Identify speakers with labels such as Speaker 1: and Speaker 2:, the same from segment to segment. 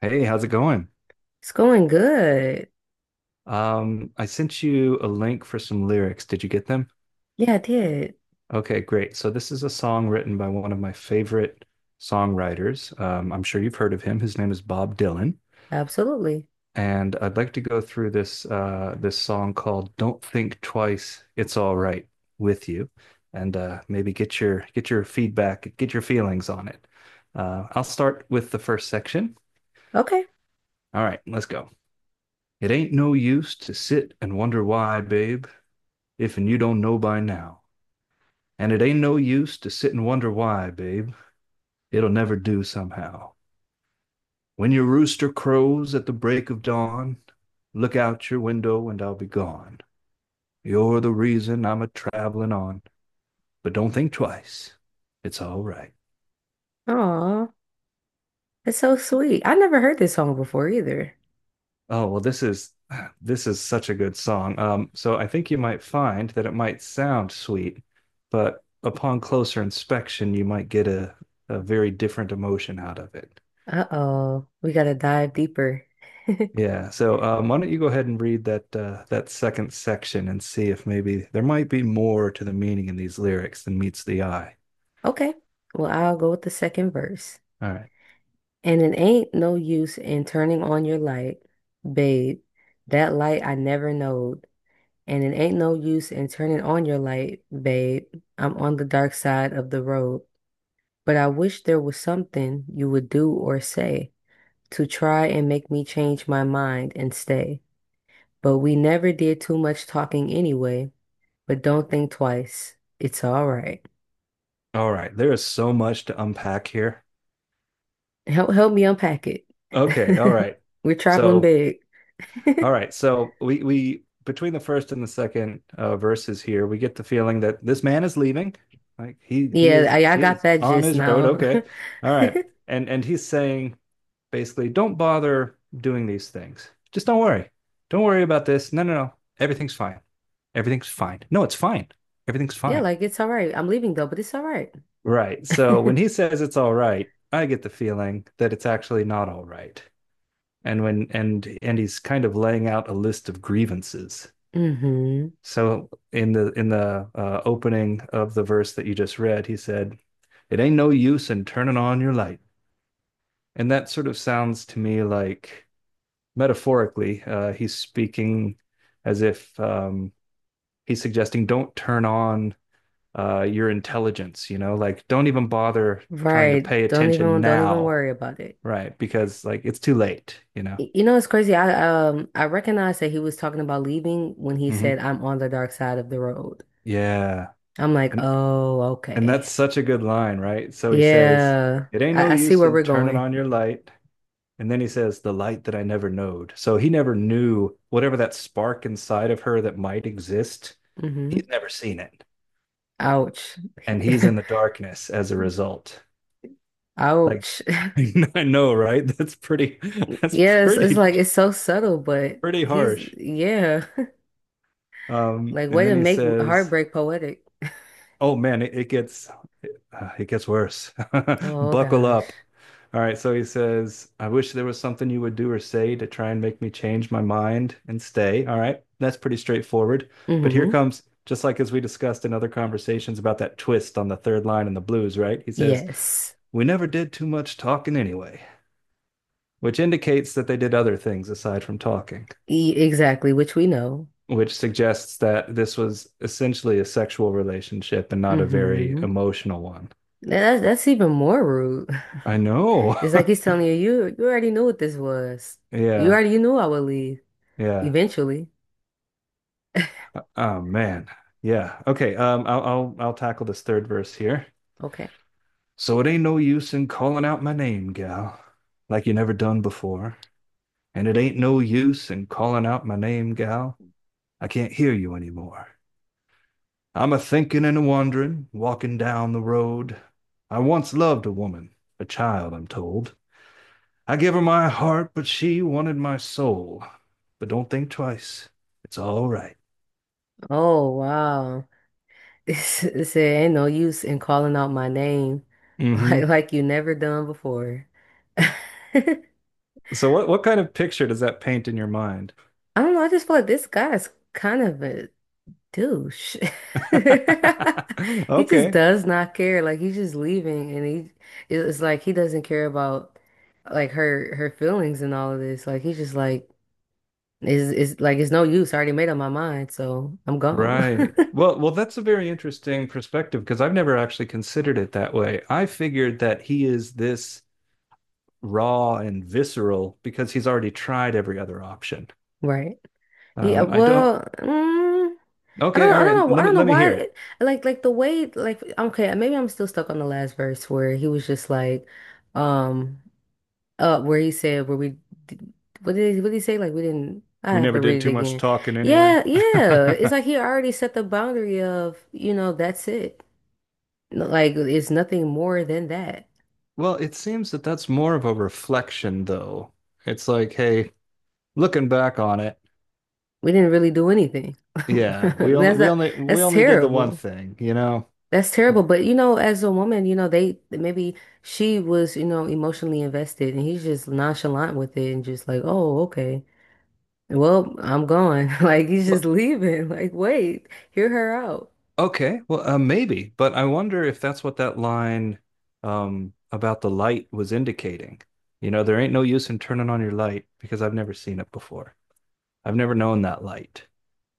Speaker 1: Hey, how's it going?
Speaker 2: It's going good.
Speaker 1: I sent you a link for some lyrics. Did you get them?
Speaker 2: Yeah, I did.
Speaker 1: Okay, great. So this is a song written by one of my favorite songwriters. I'm sure you've heard of him. His name is Bob Dylan,
Speaker 2: Absolutely.
Speaker 1: and I'd like to go through this song called "Don't Think Twice, It's All Right" with you, and maybe get your feedback, get your feelings on it. I'll start with the first section.
Speaker 2: Okay.
Speaker 1: All right, let's go. It ain't no use to sit and wonder why, babe. If and you don't know by now. And it ain't no use to sit and wonder why, babe. It'll never do somehow. When your rooster crows at the break of dawn, look out your window and I'll be gone. You're the reason I'm a traveling on, but don't think twice. It's all right.
Speaker 2: Aw, that's so sweet. I never heard this song before either.
Speaker 1: Oh, well, this is such a good song. So I think you might find that it might sound sweet, but upon closer inspection, you might get a very different emotion out of it.
Speaker 2: Uh-oh, we gotta dive deeper.
Speaker 1: Yeah. So, why don't you go ahead and read that second section and see if maybe there might be more to the meaning in these lyrics than meets the eye.
Speaker 2: Okay. Well, I'll go with the second verse.
Speaker 1: All right.
Speaker 2: And it ain't no use in turning on your light, babe. That light I never knowed. And it ain't no use in turning on your light, babe. I'm on the dark side of the road. But I wish there was something you would do or say to try and make me change my mind and stay. But we never did too much talking anyway, but don't think twice. It's all right.
Speaker 1: All right. There is so much to unpack here.
Speaker 2: Help me unpack it.
Speaker 1: Okay. All right.
Speaker 2: We're traveling
Speaker 1: So,
Speaker 2: big.
Speaker 1: all right. So we between the first and the second verses here, we get the feeling that this man is leaving. Like he he
Speaker 2: Yeah,
Speaker 1: is
Speaker 2: I
Speaker 1: he
Speaker 2: got
Speaker 1: is
Speaker 2: that
Speaker 1: on
Speaker 2: just
Speaker 1: his road.
Speaker 2: now.
Speaker 1: Okay. All right. And he's saying basically don't bother doing these things. Just don't worry. Don't worry about this. No, no, no. Everything's fine. Everything's fine. No, it's fine. Everything's
Speaker 2: Yeah,
Speaker 1: fine.
Speaker 2: like it's all right. I'm leaving though, but it's all right.
Speaker 1: Right. So when he says it's all right, I get the feeling that it's actually not all right. And when and he's kind of laying out a list of grievances.
Speaker 2: Mm-hmm.
Speaker 1: So in the opening of the verse that you just read, he said, "It ain't no use in turning on your light." And that sort of sounds to me like metaphorically. He's speaking as if he's suggesting don't turn on your intelligence, you know, like don't even bother trying to
Speaker 2: Right.
Speaker 1: pay
Speaker 2: Don't
Speaker 1: attention
Speaker 2: even don't even
Speaker 1: now,
Speaker 2: worry about it.
Speaker 1: right? Because like it's too late, you know.
Speaker 2: You know, it's crazy. I recognized that he was talking about leaving when he
Speaker 1: Mm-hmm.
Speaker 2: said, "I'm on the dark side of the road."
Speaker 1: Yeah.
Speaker 2: I'm like,
Speaker 1: And
Speaker 2: oh,
Speaker 1: and
Speaker 2: okay.
Speaker 1: that's such a good line, right? So he says,
Speaker 2: Yeah,
Speaker 1: "It ain't no
Speaker 2: I see
Speaker 1: use
Speaker 2: where
Speaker 1: in
Speaker 2: we're
Speaker 1: turning
Speaker 2: going.
Speaker 1: on your light." And then he says, "The light that I never knowed." So he never knew whatever that spark inside of her that might exist.
Speaker 2: Hmm.
Speaker 1: He's never seen it.
Speaker 2: Ouch.
Speaker 1: And he's in the darkness as a result. Like
Speaker 2: Ouch.
Speaker 1: I know, right? That's pretty that's
Speaker 2: Yes, it's
Speaker 1: pretty
Speaker 2: like it's so subtle, but
Speaker 1: pretty
Speaker 2: he's,
Speaker 1: harsh.
Speaker 2: yeah,
Speaker 1: Um
Speaker 2: like
Speaker 1: and
Speaker 2: way
Speaker 1: then
Speaker 2: to
Speaker 1: he
Speaker 2: make
Speaker 1: says,
Speaker 2: heartbreak poetic.
Speaker 1: "Oh man, it gets it gets worse.
Speaker 2: Oh
Speaker 1: Buckle
Speaker 2: gosh.
Speaker 1: up." All right, so he says, "I wish there was something you would do or say to try and make me change my mind and stay." All right. That's pretty straightforward. But here
Speaker 2: Hmm.
Speaker 1: comes just like as we discussed in other conversations about that twist on the third line in the blues, right? He says,
Speaker 2: Yes.
Speaker 1: "We never did too much talking anyway." which indicates that they did other things aside from talking,
Speaker 2: E exactly, which we know.
Speaker 1: which suggests that this was essentially a sexual relationship and not a very
Speaker 2: Hmm.
Speaker 1: emotional one.
Speaker 2: That's even more rude.
Speaker 1: I know.
Speaker 2: It's like he's telling you, you already knew what this was. You
Speaker 1: Yeah.
Speaker 2: already knew I would leave
Speaker 1: Yeah.
Speaker 2: eventually.
Speaker 1: Oh man. Yeah. Okay. I'll tackle this third verse here.
Speaker 2: Okay.
Speaker 1: So it ain't no use in calling out my name, gal, like you never done before. And it ain't no use in calling out my name, gal. I can't hear you anymore. I'm a thinking and a wandering, walking down the road. I once loved a woman, a child, I'm told. I gave her my heart, but she wanted my soul. But don't think twice. It's all right.
Speaker 2: Oh, wow. It said, ain't no use in calling out my name
Speaker 1: Mm-hmm.
Speaker 2: like you never done before. I
Speaker 1: So what kind of picture does that paint in your mind?
Speaker 2: don't know, I just feel like this guy's kind of a douche. He just
Speaker 1: Okay.
Speaker 2: does not care. Like he's just leaving and he it's like he doesn't care about like her feelings and all of this. Like he's just like is like it's no use. I already made up my mind, so I'm gone.
Speaker 1: Right. Well, well, that's a very interesting perspective because I've never actually considered it that way. I figured that he is this raw and visceral because he's already tried every other option.
Speaker 2: Right. Yeah,
Speaker 1: I don't
Speaker 2: well, I
Speaker 1: Okay,
Speaker 2: don't
Speaker 1: all
Speaker 2: I
Speaker 1: right.
Speaker 2: don't know I
Speaker 1: Let me
Speaker 2: don't know
Speaker 1: let me
Speaker 2: why
Speaker 1: hear it.
Speaker 2: like the way like okay, maybe I'm still stuck on the last verse where he was just like um where he said where we did- what did he say like we didn't, I
Speaker 1: We
Speaker 2: have
Speaker 1: never
Speaker 2: to
Speaker 1: did
Speaker 2: read it
Speaker 1: too much
Speaker 2: again.
Speaker 1: talking anyway.
Speaker 2: Yeah, yeah, it's like he already set the boundary of, you know, that's it, like it's nothing more than that.
Speaker 1: Well, it seems that that's more of a reflection though. It's like, hey, looking back on it,
Speaker 2: We didn't really do anything
Speaker 1: yeah, we only
Speaker 2: that's
Speaker 1: we
Speaker 2: not,
Speaker 1: only we
Speaker 2: that's
Speaker 1: only did the one
Speaker 2: terrible.
Speaker 1: thing, you know.
Speaker 2: That's terrible. But you know, as a woman, you know, they maybe she was, you know, emotionally invested and he's just nonchalant with it and just like, oh, okay. Well, I'm going. Like he's just
Speaker 1: Well,
Speaker 2: leaving. Like, wait, hear her out.
Speaker 1: okay. Well, maybe, but I wonder if that's what that line about the light was indicating. You know, there ain't no use in turning on your light because I've never seen it before. I've never known that light.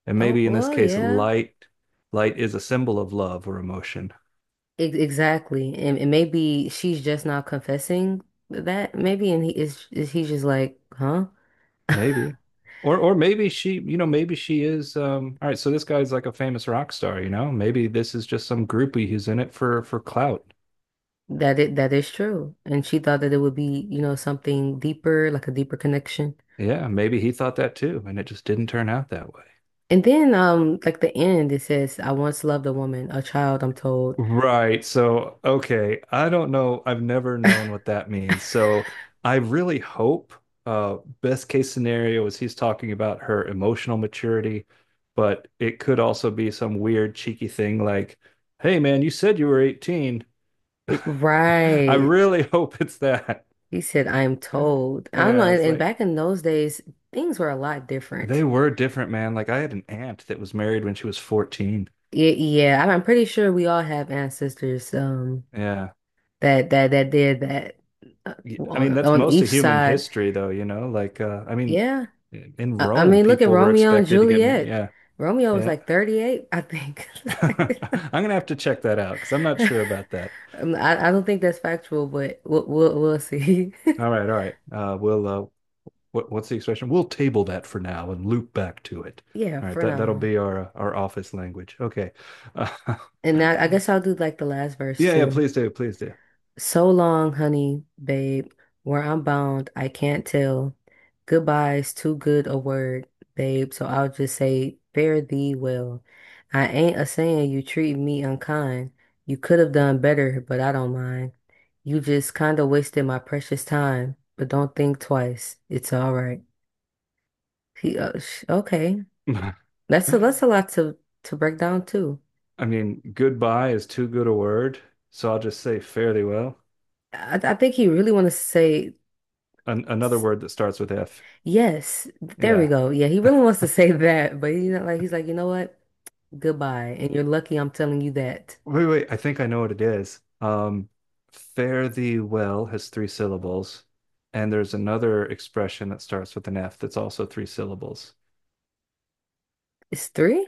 Speaker 1: And
Speaker 2: Oh,
Speaker 1: maybe in this
Speaker 2: well,
Speaker 1: case,
Speaker 2: yeah.
Speaker 1: light is a symbol of love or emotion.
Speaker 2: Exactly. And maybe she's just not confessing that, maybe, and he is he's just like, huh?
Speaker 1: Maybe. Or maybe she, you know, maybe she is all right, so this guy's like a famous rock star, you know? Maybe this is just some groupie who's in it for clout.
Speaker 2: That is true. And she thought that it would be, you know, something deeper, like a deeper connection.
Speaker 1: Yeah, maybe he thought that too, and it just didn't turn out that way.
Speaker 2: And then, like the end, it says, I once loved a woman, a child, I'm told.
Speaker 1: Right. So, okay. I don't know. I've never known what that means. So, I really hope best case scenario is he's talking about her emotional maturity, but it could also be some weird cheeky thing like, "Hey man, you said you were 18." I
Speaker 2: Right.
Speaker 1: really hope it's that.
Speaker 2: He said, I am told. I don't know.
Speaker 1: Yeah, it's
Speaker 2: And
Speaker 1: like
Speaker 2: back in those days, things were a lot
Speaker 1: they
Speaker 2: different.
Speaker 1: were different, man. Like I had an aunt that was married when she was 14.
Speaker 2: Yeah, yeah. I'm pretty sure we all have ancestors,
Speaker 1: Yeah.
Speaker 2: that did that uh,
Speaker 1: I mean, that's
Speaker 2: on
Speaker 1: most
Speaker 2: each
Speaker 1: of human
Speaker 2: side.
Speaker 1: history, though, you know, like, I mean,
Speaker 2: Yeah.
Speaker 1: in
Speaker 2: I
Speaker 1: Rome,
Speaker 2: mean, look at
Speaker 1: people were
Speaker 2: Romeo and
Speaker 1: expected to get married.
Speaker 2: Juliet.
Speaker 1: Yeah,
Speaker 2: Romeo was
Speaker 1: yeah.
Speaker 2: like 38, I think.
Speaker 1: I'm gonna have to check that out because I'm not sure about that.
Speaker 2: I don't think that's factual, but we'll see.
Speaker 1: All right, all right. We'll, what, what's the expression? We'll table that for now and loop back to it.
Speaker 2: Yeah,
Speaker 1: All right,
Speaker 2: for
Speaker 1: that, that'll
Speaker 2: now.
Speaker 1: be our office language. Okay. Uh,
Speaker 2: And I guess I'll do like the last verse
Speaker 1: yeah, yeah,
Speaker 2: too.
Speaker 1: please do, please do.
Speaker 2: So long, honey, babe, where I'm bound, I can't tell. Goodbye's too good a word, babe, so I'll just say, fare thee well. I ain't a saying you treat me unkind. You could have done better, but I don't mind. You just kind of wasted my precious time, but don't think twice. It's all right. He, okay. That's a lot to break down too.
Speaker 1: I mean, goodbye is too good a word, so I'll just say fairly well.
Speaker 2: I think he really want to say.
Speaker 1: An another word that starts with F.
Speaker 2: Yes, there we
Speaker 1: Yeah.
Speaker 2: go. Yeah, he really wants to say that, but you know, like he's like, you know what? Goodbye. And you're lucky I'm telling you that.
Speaker 1: Wait, wait, I think I know what it is. Fare thee well has three syllables, and there's another expression that starts with an F that's also three syllables.
Speaker 2: It's three?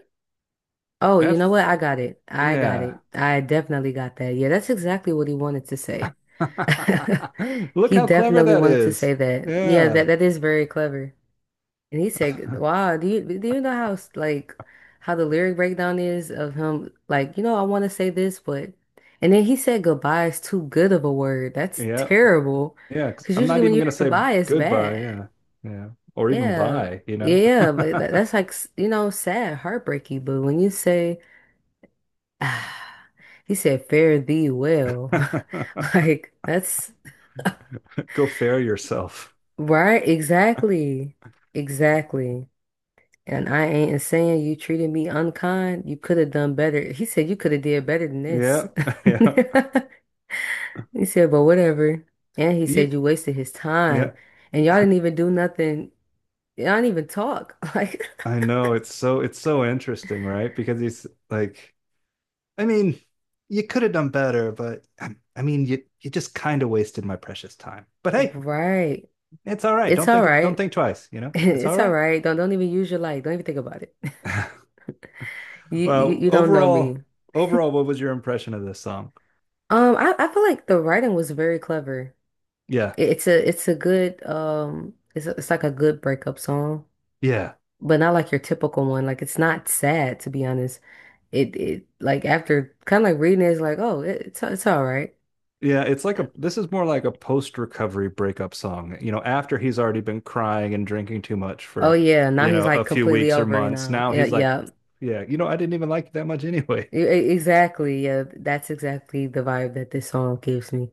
Speaker 2: Oh, you
Speaker 1: F,
Speaker 2: know what? I got it. I got
Speaker 1: yeah.
Speaker 2: it. I definitely got that. Yeah, that's exactly what he wanted to say.
Speaker 1: Look
Speaker 2: He
Speaker 1: how clever
Speaker 2: definitely
Speaker 1: that
Speaker 2: wanted to
Speaker 1: is.
Speaker 2: say that. Yeah,
Speaker 1: Yeah.
Speaker 2: that that is very clever. And he said, "Wow, do you know how like how the lyric breakdown is of him? Like, you know, I want to say this, but and then he said goodbye is too good of a word. That's
Speaker 1: Yeah.
Speaker 2: terrible,
Speaker 1: Yeah. 'Cause
Speaker 2: because
Speaker 1: I'm
Speaker 2: usually
Speaker 1: not
Speaker 2: when
Speaker 1: even
Speaker 2: you
Speaker 1: gonna
Speaker 2: hear
Speaker 1: say
Speaker 2: goodbye, it's
Speaker 1: goodbye,
Speaker 2: bad.
Speaker 1: yeah. Yeah. Or even
Speaker 2: Yeah,
Speaker 1: bye, you know?
Speaker 2: yeah, but that, that's like you know, sad, heartbreaky. But when you say, ah, he said, fare thee well, like that's
Speaker 1: Go fare yourself.
Speaker 2: right, exactly, exactly. And I ain't saying you treated me unkind. You could have done better. He said you could have did better than this.
Speaker 1: Yeah. Yeah.
Speaker 2: He said, but whatever. And he said
Speaker 1: You,
Speaker 2: you wasted his time.
Speaker 1: yeah.
Speaker 2: And y'all didn't even do nothing. Y'all didn't even talk. Like,
Speaker 1: I know it's so interesting, right? Because he's like, I mean, you could have done better, but I mean, you just kind of wasted my precious time. But hey,
Speaker 2: right.
Speaker 1: it's all right.
Speaker 2: It's
Speaker 1: Don't
Speaker 2: all
Speaker 1: think don't
Speaker 2: right.
Speaker 1: think twice, you know? It's all
Speaker 2: It's all
Speaker 1: right.
Speaker 2: right. Don't even use your light. Don't even think about it.
Speaker 1: Well,
Speaker 2: You don't know
Speaker 1: overall,
Speaker 2: me.
Speaker 1: overall, what was your impression of this song?
Speaker 2: I feel like the writing was very clever.
Speaker 1: Yeah.
Speaker 2: It's a it's a good it's a, it's like a good breakup song.
Speaker 1: Yeah.
Speaker 2: But not like your typical one. Like it's not sad, to be honest. It like, after kind of like reading it, it's like, oh it, it's all right.
Speaker 1: Yeah, it's like a this is more like a post-recovery breakup song. You know, after he's already been crying and drinking too much
Speaker 2: Oh
Speaker 1: for,
Speaker 2: yeah, now
Speaker 1: you
Speaker 2: he's
Speaker 1: know, a
Speaker 2: like
Speaker 1: few
Speaker 2: completely
Speaker 1: weeks or
Speaker 2: over it
Speaker 1: months.
Speaker 2: now.
Speaker 1: Now
Speaker 2: Yeah,
Speaker 1: he's like,
Speaker 2: yeah.
Speaker 1: yeah, you know, I didn't even like you that much anyway.
Speaker 2: Exactly. Yeah, that's exactly the vibe that this song gives me.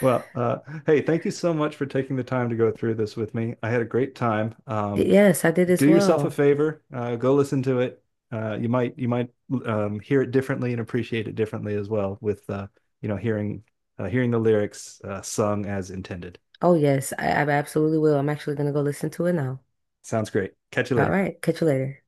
Speaker 1: Well, hey, thank you so much for taking the time to go through this with me. I had a great time.
Speaker 2: Y- Yes, I did as
Speaker 1: Do yourself a
Speaker 2: well.
Speaker 1: favor, go listen to it. You might hear it differently and appreciate it differently as well with you know hearing hearing the lyrics sung as intended.
Speaker 2: Oh yes, I absolutely will. I'm actually gonna go listen to it now.
Speaker 1: Sounds great. Catch you
Speaker 2: All
Speaker 1: later.
Speaker 2: right, catch you later.